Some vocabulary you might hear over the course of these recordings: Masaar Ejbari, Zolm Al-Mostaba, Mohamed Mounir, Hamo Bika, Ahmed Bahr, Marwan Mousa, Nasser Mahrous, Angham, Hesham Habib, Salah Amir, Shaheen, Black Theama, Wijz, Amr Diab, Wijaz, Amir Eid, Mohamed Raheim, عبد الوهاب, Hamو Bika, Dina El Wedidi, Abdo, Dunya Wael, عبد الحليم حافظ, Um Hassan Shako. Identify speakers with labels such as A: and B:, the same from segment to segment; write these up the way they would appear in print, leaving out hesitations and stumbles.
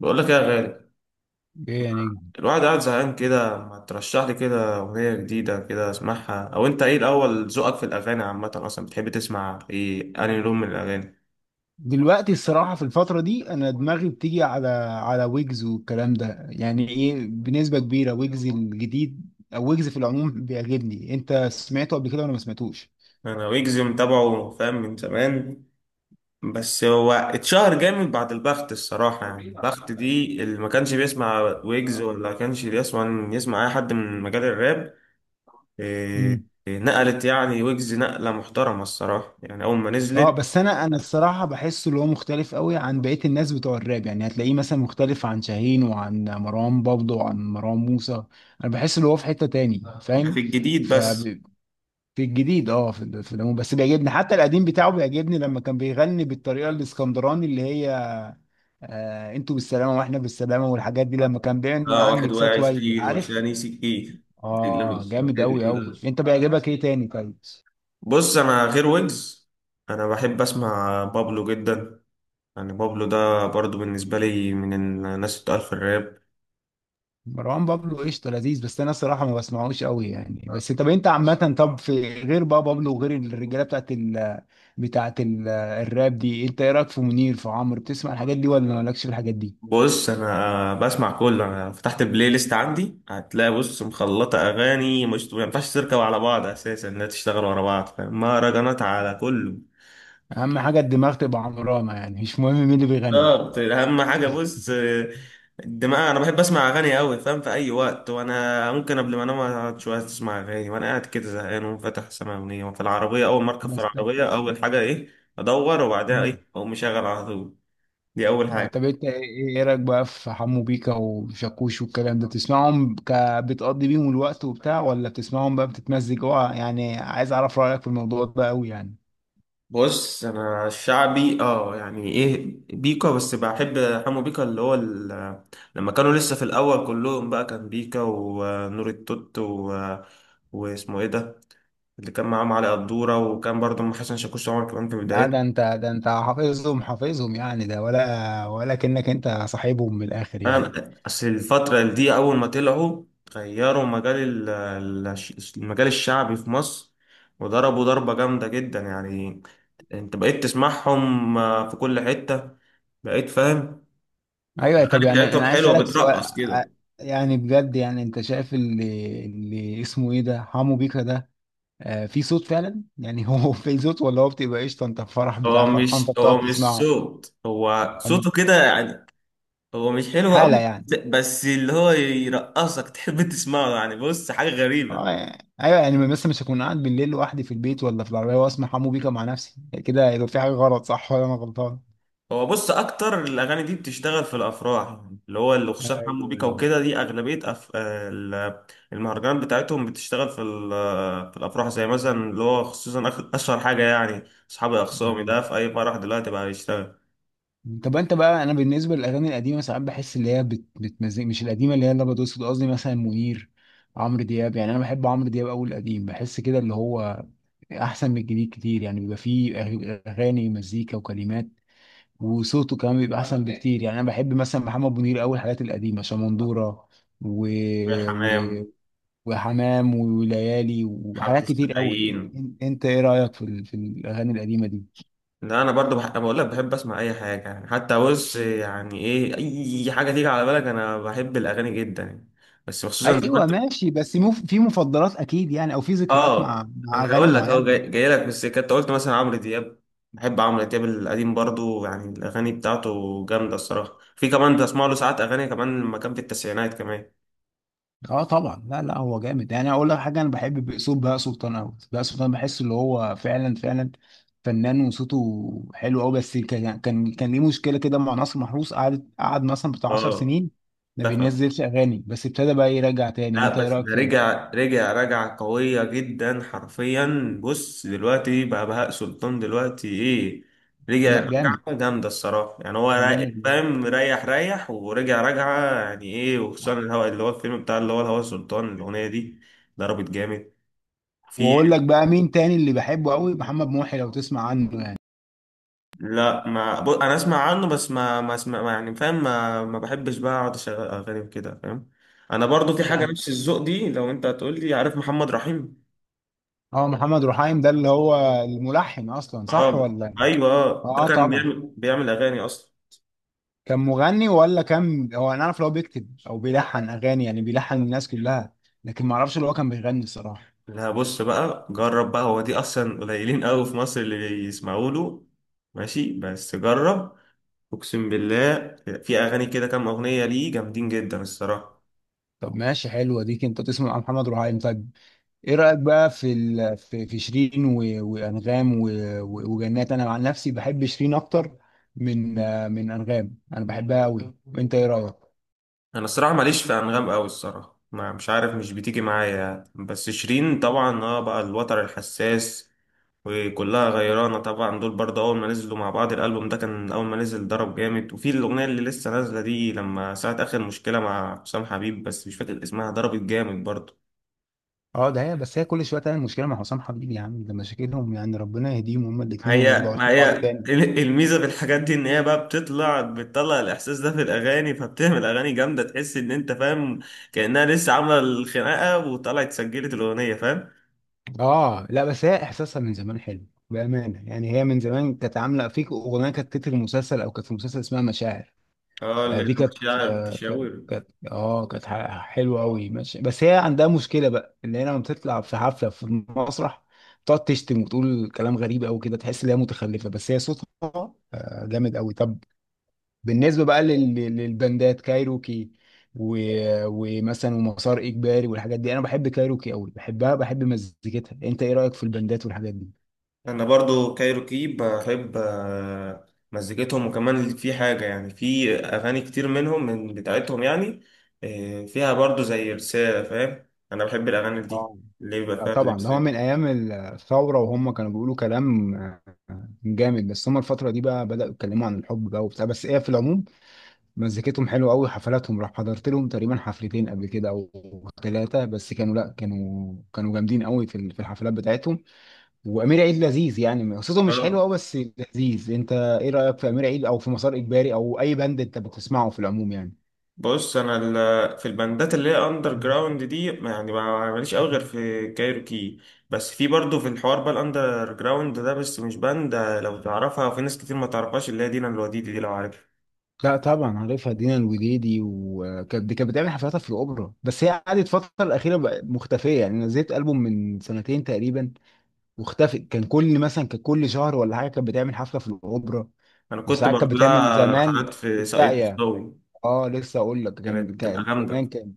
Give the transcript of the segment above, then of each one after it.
A: بقول لك إيه يا غالي.
B: يعني
A: الواحد قاعد زهقان كده، ما ترشح لي كده اغنيه جديده كده اسمعها؟ او انت ايه الاول، ذوقك في الاغاني عامه اصلا بتحب تسمع ايه، انهي لون من الاغاني؟
B: دلوقتي الصراحة في الفترة دي أنا دماغي بتيجي على ويجز والكلام ده. يعني إيه؟ بنسبة كبيرة ويجز الجديد أو ويجز في العموم بيعجبني. أنت سمعته قبل كده ولا ما سمعتوش؟
A: انا ويجز متابعه فاهم من زمان، بس هو اتشهر جامد بعد البخت الصراحه، يعني البخت دي اللي ما كانش بيسمع ويجز ولا كانش بيسمع، يسمع اي حد من مجال الراب. إيه
B: امم
A: إيه، نقلت يعني ويجز نقله محترمه الصراحه يعني اول ما
B: اه،
A: نزلت.
B: بس انا الصراحه بحسه اللي هو مختلف قوي عن بقيه الناس بتوع الراب، يعني هتلاقيه مثلا مختلف عن شاهين وعن مروان بابلو وعن مروان موسى. انا بحس اللي هو في حته تاني،
A: ده
B: فاهم؟
A: في الجديد
B: ف
A: بس.
B: في الجديد، في العموم بس بيعجبني، حتى القديم بتاعه بيعجبني لما كان بيغني بالطريقه الاسكندراني اللي هي آه انتوا بالسلامه واحنا بالسلامه والحاجات دي، لما كان بيعمل
A: اه
B: معاه
A: واحد واقع
B: الميكسات وايد،
A: 20
B: عارف؟
A: والثاني 60.
B: اه، جامد قوي قوي. انت بيعجبك ايه تاني طيب؟
A: بص انا غير ويجز، انا بحب اسمع بابلو جدا، يعني بابلو ده برضو بالنسبه لي من الناس اللي بتقال في الراب.
B: مروان بابلو قشطه، لذيذ، بس انا الصراحه ما بسمعوش قوي يعني. بس طب، انت عامه، طب في غير بقى بابلو وغير الرجاله بتاعت الراب دي، انت ايه رايك في منير، في عمرو؟ بتسمع الحاجات دي ولا مالكش في الحاجات دي؟
A: بص انا بسمع كله، انا فتحت البلاي ليست عندي هتلاقي بص مخلطه اغاني مش، ما ينفعش تركب على بعض اساسا لا تشتغل ورا بعض فاهم؟ مهرجانات على كله.
B: اهم حاجه الدماغ تبقى عمرانه، يعني مش مهم مين اللي بيغني.
A: بالظبط، اهم حاجه بص، الدماغ، انا بحب اسمع اغاني قوي فاهم في اي وقت، وانا ممكن قبل ما انام اقعد شويه اسمع اغاني وانا قاعد كده زهقان وفاتح سماع اغنيه، وفي العربيه اول ما اركب في
B: بس طب
A: العربيه
B: طب.
A: اول حاجه ايه، ادور وبعدها
B: مم.
A: ايه اقوم مشغل على طول. دي اول
B: اه، طب
A: حاجه.
B: انت إيه رايك بقى في حمو بيكا وشاكوش والكلام ده؟ بتسمعهم بتقضي بيهم الوقت وبتاع، ولا بتسمعهم بقى بتتمزج؟ اه يعني عايز اعرف رايك في الموضوع ده قوي يعني.
A: بص انا الشعبي اه يعني ايه، بيكا بس بحب، حمو بيكا اللي هو لما كانوا لسه في الاول كلهم بقى كان بيكا ونور التوت و... آه، واسمه ايه ده، اللي كان معاهم علي قدورة، وكان برضه أم حسن شاكوش طبعا كمان في
B: لا، ده انت
A: بدايته.
B: ده انت حافظهم حافظهم يعني، ده ولا كأنك انت صاحبهم من الاخر يعني.
A: أنا أصل الفترة دي أول ما طلعوا غيروا ال- المجال الشعبي في مصر، وضربوا ضربة جامدة جدا يعني. أنت بقيت تسمعهم في كل حتة، بقيت فاهم.
B: ايوه، طب
A: الأغاني
B: يعني انا
A: بتاعتهم
B: عايز
A: حلوة
B: اسالك سؤال،
A: بترقص كده.
B: يعني بجد يعني انت شايف اللي اسمه ايه ده، حمو بيكا ده في صوت فعلا يعني؟ هو في صوت، ولا هو بتبقى قشطه انت في فرح بتاع
A: هو
B: فرحان
A: مش
B: فبتقعد
A: هو مش
B: تسمعه؟
A: صوت هو
B: أم-
A: صوته كده يعني، هو مش حلو
B: حاله
A: قوي،
B: يعني.
A: بس اللي هو يرقصك تحب تسمعه يعني، بص حاجة غريبة.
B: ايوه، يعني مثلا مش هكون قاعد بالليل لوحدي في البيت ولا في العربيه واسمع حمو بيكا مع نفسي كده، يبقى في حاجه غلط، صح ولا انا غلطان؟
A: هو بص اكتر الاغاني دي بتشتغل في الافراح، اللي هو اللي خصوصا حمو
B: ايوه،
A: بيكا وكده دي اغلبيه المهرجانات بتاعتهم بتشتغل في في الافراح، زي مثلا اللي هو خصوصا اشهر حاجه يعني، اصحابي اخصامي ده
B: ايوه.
A: في اي فرح دلوقتي بقى بيشتغل.
B: طب انت بقى، انا بالنسبه للاغاني القديمه ساعات بحس اللي هي بتمزج، مش القديمه اللي هي اللي بتقصد، قصدي مثلا منير، عمرو دياب. يعني انا بحب عمرو دياب قوي، القديم بحس كده اللي هو احسن من الجديد كتير، يعني بيبقى فيه اغاني، مزيكا وكلمات، وصوته كمان بيبقى احسن بكتير. يعني انا بحب مثلا محمد منير قوي، الحاجات القديمه شمندوره، و...
A: في
B: و...
A: حمام،
B: وحمام وليالي
A: حاره
B: وحاجات كتير قوي.
A: السقايين.
B: انت ايه رايك في الاغاني القديمه دي؟
A: لا انا برضو بقول لك بحب اسمع اي حاجه يعني، حتى بص يعني ايه، اي حاجه تيجي على بالك انا بحب الاغاني جدا يعني. بس خصوصا زي ما
B: ايوه
A: انت،
B: ماشي، بس مو في مفضلات اكيد يعني، او في ذكريات
A: اه
B: مع
A: انا
B: اغاني
A: هقول لك اهو
B: معينه.
A: جاي لك في السكه، انت قلت مثلا عمرو دياب، بحب عمرو دياب القديم برضو يعني الاغاني بتاعته جامده الصراحه، في كمان بسمع له ساعات اغاني كمان لما كان في التسعينات كمان.
B: اه طبعا، لا لا، هو جامد يعني. اقول لك حاجه، انا بحب باسلوب بهاء سلطان قوي، بهاء سلطان بحس اللي هو فعلا فعلا فنان، وصوته حلو قوي. بس كان ليه مشكله كده مع ناصر محروس، قعد مثلا بتاع 10
A: اه،
B: سنين ما
A: اتفق.
B: بينزلش اغاني، بس ابتدى بقى يرجع تاني.
A: لا
B: انت ايه
A: بس
B: رايك
A: ده
B: فيه؟
A: رجع قويه جدا حرفيا، بص دلوقتي بقى بهاء سلطان دلوقتي ايه، رجع
B: لا جامد،
A: رجعه جامده الصراحه يعني، هو
B: جامد
A: رايق
B: جامد.
A: فاهم ريح ريح ورجع رجعه يعني ايه، وخصوصا الهوا اللي هو الفيلم بتاع اللي هو الهوا سلطان الاغنيه دي. ضربت جامد. في،
B: واقول لك بقى مين تاني اللي بحبه قوي، محمد محي، لو تسمع عنه يعني.
A: لا ما ب... انا اسمع عنه، بس ما اسمع ما يعني فاهم، ما بحبش بقى اقعد اشغل اغاني وكده فاهم. انا برضو في حاجه
B: لا،
A: نفس الذوق دي لو انت هتقول لي، عارف محمد رحيم؟
B: اه، محمد رحايم ده اللي هو الملحن اصلا، صح
A: اه،
B: ولا؟
A: ايوه آه. ده
B: اه
A: كان
B: طبعا.
A: بيعمل اغاني اصلا.
B: كان مغني ولا كان، هو انا اعرف لو بيكتب او بيلحن اغاني، يعني بيلحن الناس كلها، لكن ما اعرفش اللي هو كان بيغني الصراحه.
A: لا بص بقى جرب بقى، هو دي اصلا قليلين قوي في مصر اللي بيسمعوا له، ماشي بس جرب، اقسم بالله في اغاني كده كام اغنيه ليه جامدين جدا الصراحه.
B: طب ماشي، حلوه دي، انت تسمع محمد رهيم طيب. ايه رايك بقى في شيرين، وانغام، وجنات؟ انا عن نفسي بحب شيرين اكتر من انغام، انا بحبها قوي. وانت ايه رايك؟
A: انا الصراحه ماليش في انغام قوي الصراحه، ما مش عارف مش بتيجي معايا يعني. بس شيرين طبعا اه بقى الوتر الحساس، وكلها غيرانه طبعا، دول برضه اول ما نزلوا مع بعض الالبوم ده كان اول ما نزل ضرب جامد، وفي الاغنيه اللي لسه نازله دي لما ساعه اخر مشكله مع حسام حبيب بس مش فاكر اسمها، ضربت جامد برضه.
B: اه، ده هي، بس هي كل شويه تعمل مشكله مع حسام حبيب يا عم، ده مشاكلهم يعني. ربنا يهديهم هما الاثنين، وما
A: هي
B: يرجعوش
A: ما
B: لبعض
A: هي
B: تاني.
A: الميزه في الحاجات دي ان هي بقى بتطلع بتطلع الاحساس ده في الاغاني، فبتعمل اغاني جامده تحس ان انت فاهم كانها لسه عامله الخناقه وطلعت سجلت الاغنيه فاهم.
B: اه، لا بس هي احساسها من زمان حلو بامانه، يعني هي من زمان كانت عامله فيك اغنيه كانت تتر مسلسل، او كانت في مسلسل اسمها مشاعر.
A: اه اللي هي
B: دي كانت
A: مشاعر، تشاور.
B: حلوه قوي، ماشي. بس هي عندها مشكله بقى، ان هي لما بتطلع في حفله في مسرح تقعد تشتم وتقول كلام غريب قوي كده، تحس ان هي متخلفه. بس هي صوتها جامد قوي. طب بالنسبة بقى للبندات كايروكي، و... ومثلا ومسار إجباري والحاجات دي، أنا بحب كايروكي أوي، بحبها، بحب مزيكتها. أنت إيه رأيك في البندات والحاجات دي؟
A: انا برضو كايروكي بحب مزيكتهم، وكمان في حاجة يعني في اغاني كتير منهم من بتاعتهم يعني فيها برضو زي رسالة فاهم، انا بحب الاغاني دي
B: اه،
A: اللي يبقى
B: لا
A: فيها زي
B: طبعا، ده هو من
A: رسالة.
B: أيام الثورة، وهم كانوا بيقولوا كلام جامد. بس هم الفترة دي بقى بدأوا يتكلموا عن الحب بقى وبتاع، بس إيه، في العموم مزيكتهم حلوة أوي. حفلاتهم راح حضرت لهم تقريبا حفلتين قبل كده أو ثلاثة، بس كانوا لا كانوا كانوا جامدين أوي في الحفلات بتاعتهم. وامير عيد لذيذ يعني، قصته مش حلوه
A: اه
B: قوي بس لذيذ. انت ايه رايك في امير عيد، او في مسار اجباري، او اي باند انت بتسمعه في العموم يعني؟
A: بص انا في البندات اللي هي اندر جراوند دي ماليش قوي غير في كايروكي، بس في برضو في الحوار بقى الاندر جراوند ده بس مش باند لو تعرفها وفي ناس كتير ما تعرفهاش اللي هي دينا الوديدي دي لو عارفها.
B: لا طبعا عارفها، دينا الوديدي، وكانت دي كانت بتعمل حفلاتها في الاوبرا، بس هي قعدت الفتره الاخيره بقى مختفيه، يعني نزلت البوم من سنتين تقريبا واختفت. كان كل شهر ولا حاجه كانت بتعمل حفله في الاوبرا،
A: انا كنت
B: وساعات كانت
A: بروح
B: بتعمل
A: لها
B: زمان
A: رحلات
B: في
A: في ساقية
B: الساقيه.
A: مصداوي،
B: اه لسه اقول لك،
A: كانت
B: كان
A: بتبقى
B: كان
A: جامده.
B: زمان كان،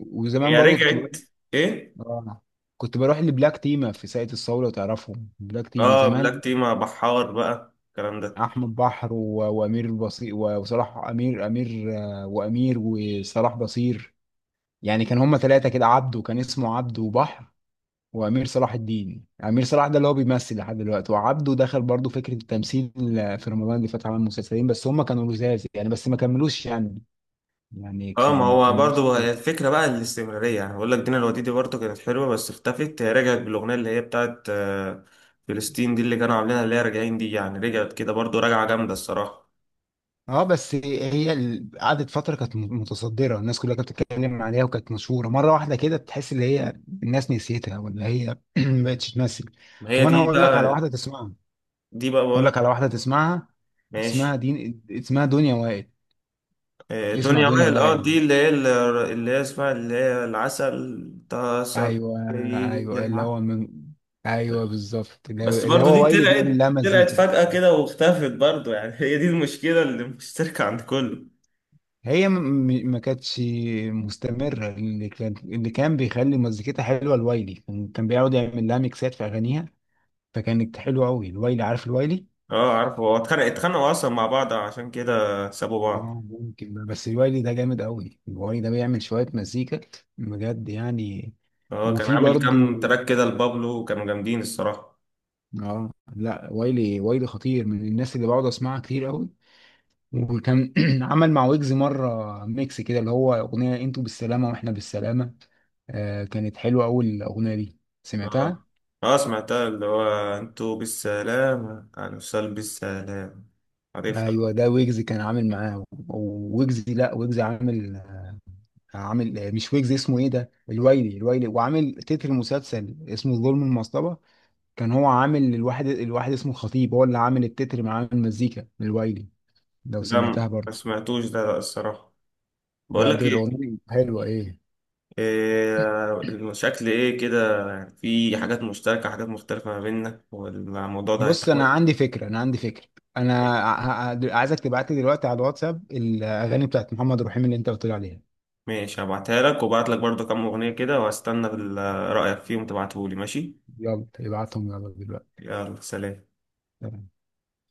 B: وزمان
A: هي
B: برضه كنت
A: رجعت. ايه؟
B: آه. كنت بروح لبلاك تيما في ساقية الصاوي، لو تعرفهم بلاك تيما
A: اه،
B: زمان،
A: بلاك تي مع بحار بقى الكلام ده.
B: احمد بحر، وامير البصير، وصلاح امير امير آه، وامير وصلاح بصير. يعني كان هما ثلاثة كده، عبده كان اسمه عبده، وبحر، وامير صلاح الدين امير صلاح ده اللي هو بيمثل لحد دلوقتي. وعبده دخل برضه فكرة التمثيل، في رمضان اللي فات عمل مسلسلين، بس هما كانوا لزاز يعني، بس ما كملوش يعني
A: اه
B: كانوا
A: ما
B: ما
A: هو
B: كملوش.
A: برضو هي الفكره بقى الاستمراريه يعني، بقول لك دينا الوديدي برضو كانت حلوه بس اختفت، هي رجعت بالاغنيه اللي هي بتاعت فلسطين دي اللي كانوا عاملينها اللي هي راجعين دي، يعني رجعت كده برضو راجعه جامده الصراحه.
B: اه، بس هي قعدت فتره كانت متصدره، الناس كلها كانت بتتكلم عليها، وكانت مشهوره، مره واحده كده تحس ان هي الناس نسيتها، ولا هي ما بقتش تمثل.
A: ما
B: طب
A: هي
B: انا
A: دي
B: هقول لك على
A: بقى،
B: واحده تسمعها. هقول
A: بقول لك.
B: لك على واحده تسمعها اسمها
A: ماشي.
B: دين اسمها دنيا وائل.
A: آه،
B: اسمع
A: دنيا
B: دنيا
A: وائل، اه
B: وائل.
A: دي اللي هي اسمها اللي هي العسل تسر.
B: ايوه، ايوه، اللي هو من، ايوه بالظبط، اللي هو
A: بس
B: اللي
A: برضه دي
B: هو وائل بيعمل
A: طلعت
B: لها
A: طلعت
B: مزيكا.
A: فجأة كده واختفت برضه يعني هي دي المشكلة اللي مشتركة عند كله.
B: هي ما كانتش مستمره، اللي كان بيخلي مزيكتها حلوه الوايلي، كان بيقعد يعمل لها ميكسات في اغانيها، فكانت حلوه قوي الوايلي، عارف الوايلي؟
A: اه عارفه، هو اتخانقوا اصلا مع بعض عشان كده سابوا بعض.
B: اه ممكن ده، بس الوايلي ده جامد قوي، الوايلي ده بيعمل شويه مزيكا بجد يعني.
A: اه كان
B: وفي
A: عامل
B: برضو،
A: كام تراك كده لبابلو وكانوا جامدين الصراحة.
B: اه، لا وايلي، وايلي خطير، من الناس اللي بقعد اسمعها كتير قوي. وكان عمل مع ويجز مره ميكس كده، اللي هو اغنيه انتوا بالسلامه واحنا بالسلامه. كانت حلوه قوي الاغنيه دي، سمعتها؟
A: اه، اه، سمعتها اللي هو انتوا بالسلامة انا وصل بالسلامة، عارفها.
B: ايوه، ده ويجز كان عامل معاه، وويجز لا ويجز عامل مش ويجز، اسمه ايه ده، الويلي، الويلي وعامل تتر مسلسل اسمه ظلم المصطبة. كان هو عامل الواحد اسمه خطيب، هو اللي عامل التتر مع المزيكا، الويلي، لو
A: لا
B: سمعتها
A: ما
B: برضه.
A: سمعتوش ده لا الصراحة. بقول
B: لا،
A: لك
B: دي
A: ايه،
B: الاغنيه حلوه ايه.
A: إيه، المشاكل ايه كده يعني، في حاجات مشتركة حاجات مختلفة ما بيننا، والموضوع ده
B: بص انا
A: هيتحول.
B: عندي فكره انا عندي فكره انا عايزك تبعت لي دلوقتي على الواتساب الاغاني بتاعت محمد رحيم اللي انت قلت لي عليها.
A: ماشي هبعتها لك، وبعت لك برضه كام أغنية كده، وهستنى رأيك فيهم تبعتهولي ماشي.
B: يلا ابعتهم، يلا دلوقتي.
A: يلا سلام.
B: تمام.